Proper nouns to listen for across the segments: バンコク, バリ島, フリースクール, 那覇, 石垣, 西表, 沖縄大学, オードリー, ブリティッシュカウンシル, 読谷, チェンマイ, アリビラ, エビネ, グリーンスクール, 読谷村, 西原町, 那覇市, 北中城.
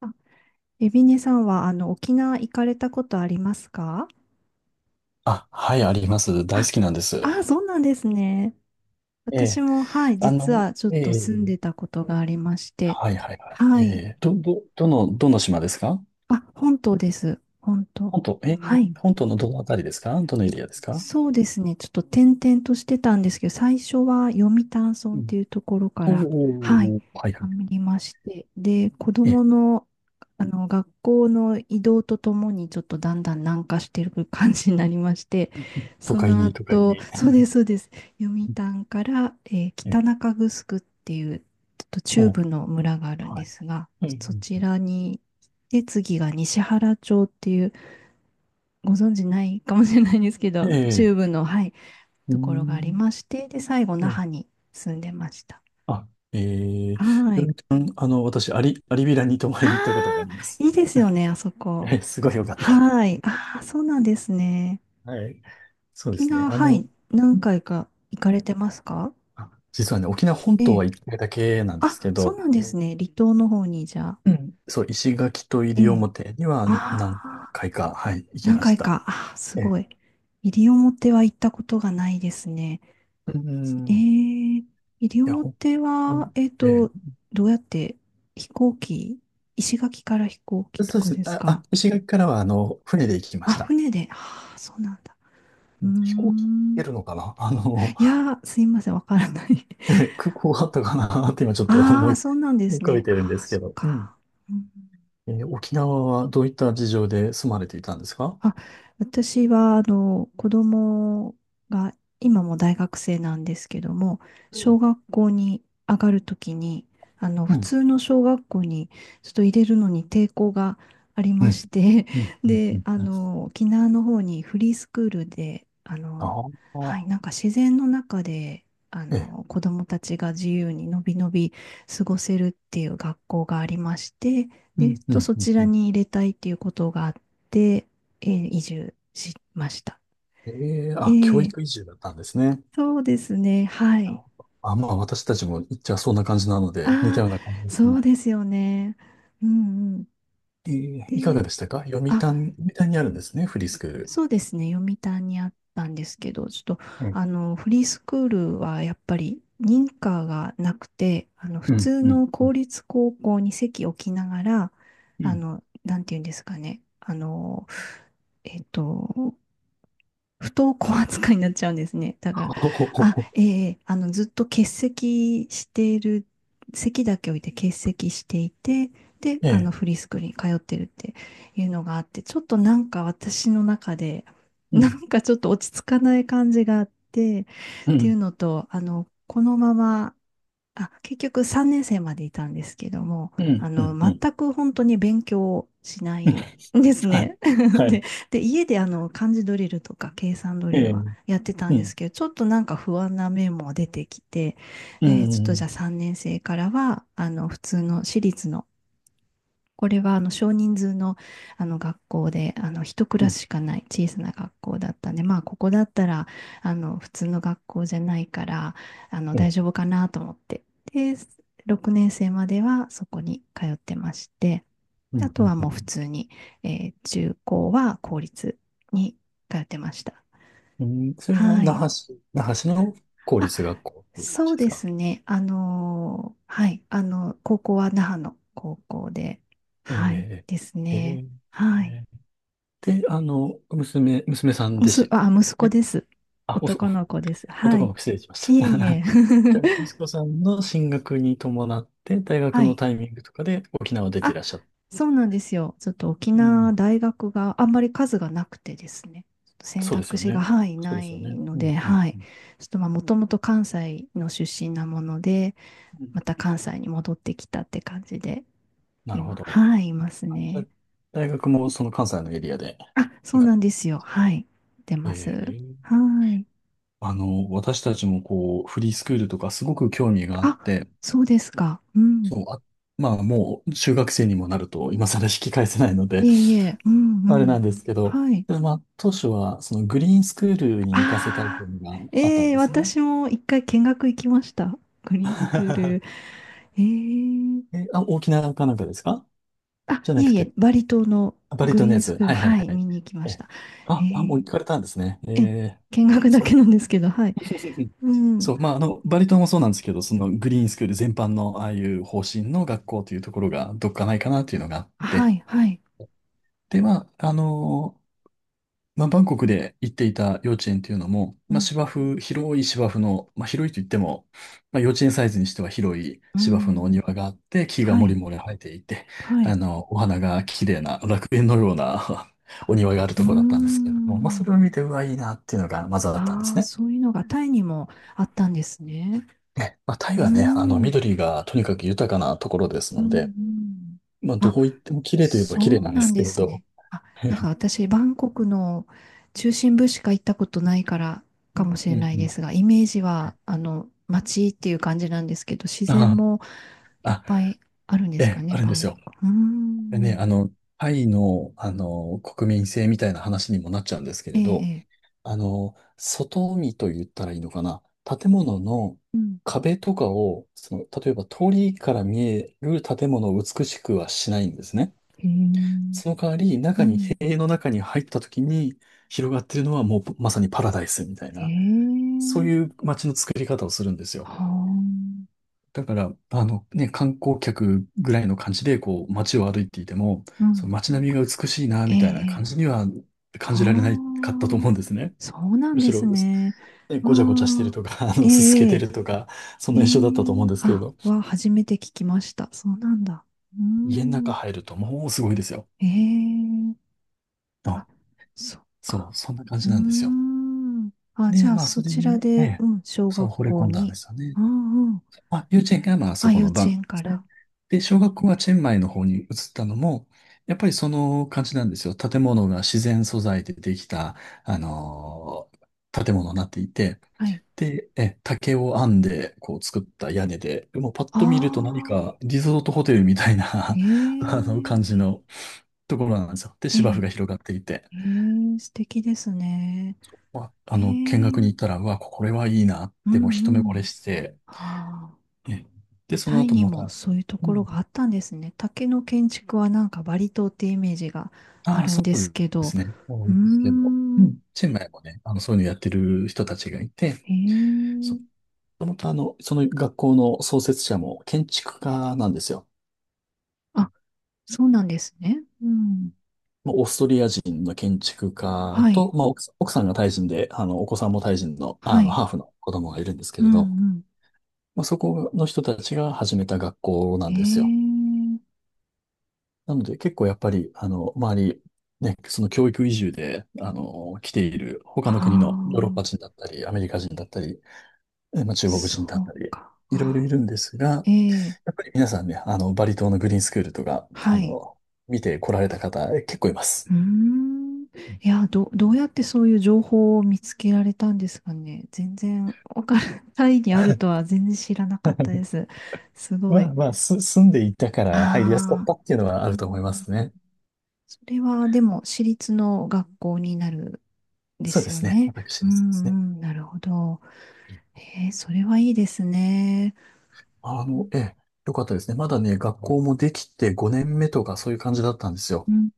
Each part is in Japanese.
あ、エビネさんは、沖縄行かれたことありますか？あ、はい、あります。大好あ、きなんです。あ、そうなんですね。え私え、も、はい、実はちょっとええ、住んでたことがありまして、はいはいはい。はえい。え、どの島ですか？あ、本島です。本島。本島、ええ、はい。本島のどのあたりですか？どのエえリアですか？そうですね。ちょっと転々としてたんですけど、最初は読谷う村っん。ていうところかおら、はい、お、はいはあい。りまして、で、子え供え、の、学校の移動とともに、ちょっとだんだん南下してる感じになりまして、都そ会のに、都会後、に。そうです、そうです。読谷から、え北え、中城っていう、ちょっと中おう、部の村があるんはでい。すが、うそんちらに、で、次が西原町っていう、ご存知ないかもしれないんですけうん。ど、ええ、中部の、はい、うーところがありん、まして、で、最後、え那え、覇に住んでました。あ、ええ、はよい。りくん、私、アリビラに泊まありに行ったことがああ、ります。いいですよね、あそこ。ええ、すごいよかった。はい。ああ、そうなんですね。はい。そうで沖すね。縄、はい、何回か行かれてますか？あ、実はね、沖縄本え島え。は一回だけなんですけあ、そうど、なんですね。離島の方に、じゃあ。うん。そう、石垣とえ西え。表にはあ何あ、回か、はい、行き何まし回た。か。ああ、すえごえ、い。西表は行ったことがないですね。うん。えいー、西や、本表当は、に、えどうやって飛行機、石垣から飛行え、機とそうでかすね。ですあ、か？あ、石垣からは、船で行きまあ、した。船で。ああ、そうなんだ。うー飛行機行けん。るのかな？ いやー、すいません、わからない。ええ、空港あったかなって今ち ょっとあ思あ、いそうなんで浮すかべね。てるんでああ、すけそっど。うん。か。うん、ええ、沖縄はどういった事情で住まれていたんですか？あ、私は、子供が、今も大学生なんですけども、う小ん。学校に上がるときに、う普ん。通の小学校にちょっと入れるのに抵抗がありうまん。して、うん。うで、ん。うん。沖縄の方にフリースクールで、あはい、あ。なんか自然の中で、ええ。子供たちが自由にのびのび過ごせるっていう学校がありまして、で、うん、うん、そうんちうらん。に入れたいっていうことがあって、移住しました。ええ、えあ、教ー育移住だったんですね。そうですね。はなるい。ほど。あ、まあ、私たちも、じゃあそんな感じなので、似たあような感じであ、すそね。うですよね。うんうん。ええ、いかで、がでしたか？読谷、あ、読谷にあるんですね、フリースそクール。そうですね。読谷にあったんですけど、ちょっと、ええ、フリースクールはやっぱり認可がなくて、普うん、通うん、の公立高校に籍を置きながら、うん。なんていうんですかね。えっと、不登校扱いになっちゃうんですね。だから、ほほほあ、ほ。ええ、ずっと欠席している、席だけ置いて欠席していて、で、ええ、フリースクールに通ってるっていうのがあって、ちょっとなんか私の中で、うなん、んかちょっと落ち着かない感じがあって、うっていうん、のと、このまま、あ、結局3年生までいたんですけども、うん、うん、うん。うん。 全く本当に勉強しないんです はい、ね。はい、で、で、家であの、漢字ドリルとか計算ドえリルえ、はやってたうんでん、すけど、ちょっとなんか不安な面も出てきて、うん、で、ちょっうとじん、ゃあ3年生からは、普通の私立の、これはあの少人数の、あの学校であの一クうラん、スしかない小さな学校だったんで、まあ、ここだったらあの普通の学校じゃないからあのう大ん、丈夫かなと思って、で、6年生まではそこに通ってまして、うあん。とはもう普通に、中高は公立に通ってました。うん、それはは那い。覇市、那覇市の公あ、立学校という感そじうですでか？すね。はい。高校は那覇の高校で、えはい、え、ですええ、ね。えはい。え、で、娘、娘さんでし、あ、息子ね。です。あ、おそ、男の子です。は男のい。子、失礼しましいた。えい え。じゃあ、息子 さんの進学に伴って、大学はのい。タイミングとかで沖縄出ていあ、らっしゃった。そうなんですよ。ちょっと沖う縄ん。大学があんまり数がなくてですね。ちょっと選そうです択よ肢が、ね。はい、そうなですよいね。のうん、で、うはん、うい。ん。ちょっとまあ、もともと関西の出身なもので、うん。また関西に戻ってきたって感じで、なるほ今、ど。はい、いますあ、じゃあ、ね。大学もその関西のエリアで。あ、そ行うか、なんですよ。はい、出まえす。ーはい。私たちもこう、フリースクールとかすごく興味があっあ、て、そうですか。うん。そう、あ、まあもう中学生にもなると今更引き返せないのでいえいえ、うんうあれなん。んですけど、はい。でまあ、当初はそのグリーンスクールに行かせたいといあうあ、のがあったえんえ、ですね。私も一回見学行きました。グリーンスクー ル。ええ、え、あ、沖縄かなんかですか？あ、じゃいなえくいえ、て、バリ島のあ、バリグ島のリーやンスつ。クーはル、いはいはい、はい。見に行きましえ、た。あ、あ、もうえ行かれたんですね。え、ええー、見学だそけう。なんですけど、はい。うん。そう、まあ、バリ島もそうなんですけど、そのグリーンスクール全般のああいう方針の学校というところがどっかないかなというのがあっはて、い、はい。で、まあ、まあ、バンコクで行っていた幼稚園っていうのも、うまあ、ん、芝生、広い芝生の、まあ、広いと言っても、まあ、幼稚園サイズにしては広いう芝生のおん。庭があって、木がはもりい、もり生えていて、はい。お花が綺麗な楽園のような お庭があるうとーころだったんですけれども、まあ、それん。を見て、うわ、いいなっていうのがまずあったんであすあ、ね。そういうのがタイにもあったんですね。え、まあ、うターイはね、ん。うん緑がとにかく豊かなところですうので、ん。まあ、どあ、こ行っても綺麗といえば綺麗そうなんでなんすけでれすど、ね。あ、うなんか私、バンコクの中心部しか行ったことないからかんもしれうんないうでん。すが、イメージは、街っていう感じなんですけど、自然あもあ、いっあ、ぱいあるんでえすかえ、ね、あるんバでンすよ。コク。うーでね、ん。タイの、国民性みたいな話にもなっちゃうんですけえれえ、えど、え。外見と言ったらいいのかな。建物のうん。壁とかを、その、例えば通りから見える建物を美しくはしないんですね。へえ。その代わり、う中に、ん。塀の中に入った時に広がってるのはもうまさにパラダイスみたいな、へそういえ。う街の作り方をするんですよ。はあ。だから、あのね、観光客ぐらいの感じで、こう、街を歩いていても、うそのん。街並みが美しいな、ええ、みたいな感ええ、じには感じられないはかったと思あ、うんですね。そうなんむでしすろ、ね。ね、わごちゃごちゃしてるあ、とか、えすすけてえ、るとか、そんええ、えな印象だったと思うんえ、ですけれあ、ど、は初めて聞きました。そうなんだ。うー家の中ん、入るともうすごいですよ。ええ、あ、あ、そっそか。う、そんな感うじーなんですよ。ん、あ、じで、ゃあまあ、そそれちらに、えで、え、うん、小そう、学惚れ校込んだんでに、すよね。うんうん、あ、幼稚園がまああ、そこ幼のバ稚ンコク園でかすら。ね。で、う小ん、学校はチェンマイの方に移ったのも、やっぱりその感じなんですよ。建物が自然素材でできた、あのー建物になっていて、はい。で、え、竹を編んで、こう作った屋根で、もうパッあと見ると何あ、かリゾートホテルみたいな え あの感え、じのところなんですよ。で、え芝生え、が広がっていて、ええ、素敵ですね。まあ、え見学にえ、行ったら、うわ、これはいいなっうて、もう一目んう惚れん。して、はあ。え、で、そのタイ後にまもた、そういうとうころん、があったんですね。竹の建築はなんかバリ島ってイメージがあああ、るんそですうけでど。すね。多うーいですけど。うん。ん。チェンマイもね、そういうのやってる人たちがいて、へそ、もえ。ともと、あの、その学校の創設者も建築家なんですよ。あ、そうなんですね。うん。まあオーストリア人の建築家はと、い。まあ、奥さんがタイ人で、お子さんもタイ人の、はい。ハーフの子供がいるんですけうれど、んまあ、そこの人たちが始めた学校なうんん。ですよ。ええ。なので、結構やっぱり、周り、ね、その教育移住で、来ている他あの国のヨーロッパ人あ。だったり、アメリカ人だったり、え、まあ、中国そ人だったうり、か。いろいろあ、いるんですが、ええ。やっぱり皆さんね、バリ島のグリーンスクールとか、はい。見て来られた方、え、結構いまうす。ーん。いや、どうやってそういう情報を見つけられたんですかね。全然、わからない、タイにあるとは全然知らなかったで す。すごまい。あまあ、住んでいたかあら入りやすかっあ、たっていうのはあうると思いまん、すね。それはでも、私立の学校になるんでそうすでよすね。ね。私う立ですね。んうん、なるほど。それはいいですね。ええ、よかったですね。まだね、学校もできて5年目とかそういう感じだったんですよ。うん、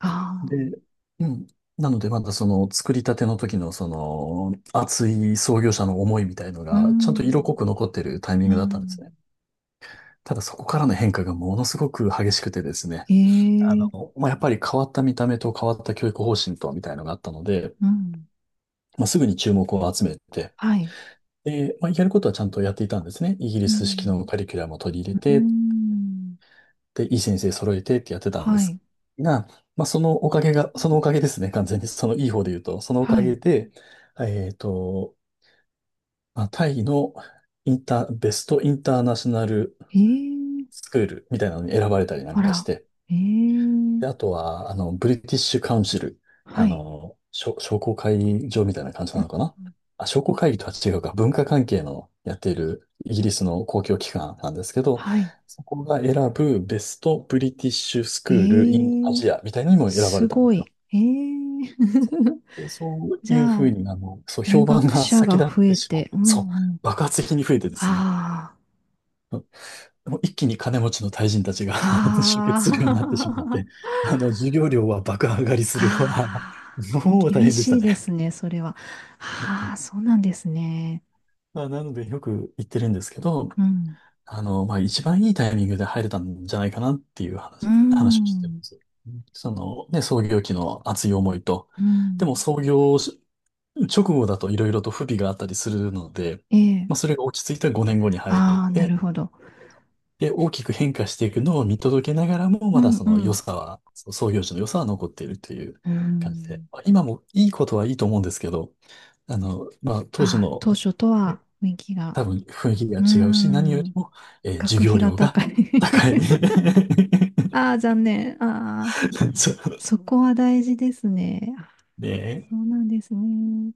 あで、うん。なので、まだその作りたての時のその熱い創業者の思いみたいのあー、うが、ちゃんと色濃ん、く残ってるタイミンうグだったんですね。ん。ただそこからの変化がものすごく激しくてですね、えー、まあ、やっぱり変わった見た目と変わった教育方針とみたいのがあったので、うん、まあ、すぐに注目を集めて、はい。で、まあ、やることはちゃんとやっていたんですね。イギリうス式ん、のカリキュラムを取り入れうて、ん、で、いい先生揃えてってやってたんではすい。が、まあ、そのおかげが、そのおかげですね、完全に。そのいい方で言うと、そのおはかげい。で、えっと、まあ、タイのインター、ベストインターナショナルええ、スクールみたいなのに選ばれたりなんかしあて、ら。ええ、で、あとは、ブリティッシュカウンシル。はい。商工会議場みたいな感じうなんのかな。うん、あ、商工会議とは違うか。文化関係のやっているイギリスの公共機関なんですけど、はい。そこが選ぶベストブリティッシュスクール・イン・アええ、ジアみたいなのにも選ばすれたんでごすい。よ。ええ で、そうじゃいうふうあ、に、そう、入評判学が者が先立っ増てえしまって、て、うそう、んうん。爆発的に増えてですね。あもう一気に金持ちの大臣たちが 集あ、結するようになってしまっあて、あ、授業料は爆上がり するわ。ああ、もう大厳変でししたいでね。すね、それは。ああ、そうなんですね。まあ、なのでよく言ってるんですけど、うん、まあ、一番いいタイミングで入れたんじゃないかなっていうう話をしてまん、す。その、ね、創業期の熱い思いと、うでもん。創業し直後だといろいろと不備があったりするので、ええ、まあ、それが落ち着いた5年後に入れああ、なて、るほど。で、大きく変化していくのを見届けながらも、うまだん、そうの良ん、さは、その創業時の良さは残っているというう感じで、ん。まあ今もいいことはいいと思うんですけど、まあ、当時あ、の、当初とえ、は雰囲気が。多分雰囲気がうー違うし、何よりん。も、授学業費が料高がい。 高い。ああ、残念。ああ、そうそこは大事ですね。あ、ねそえうなんですね。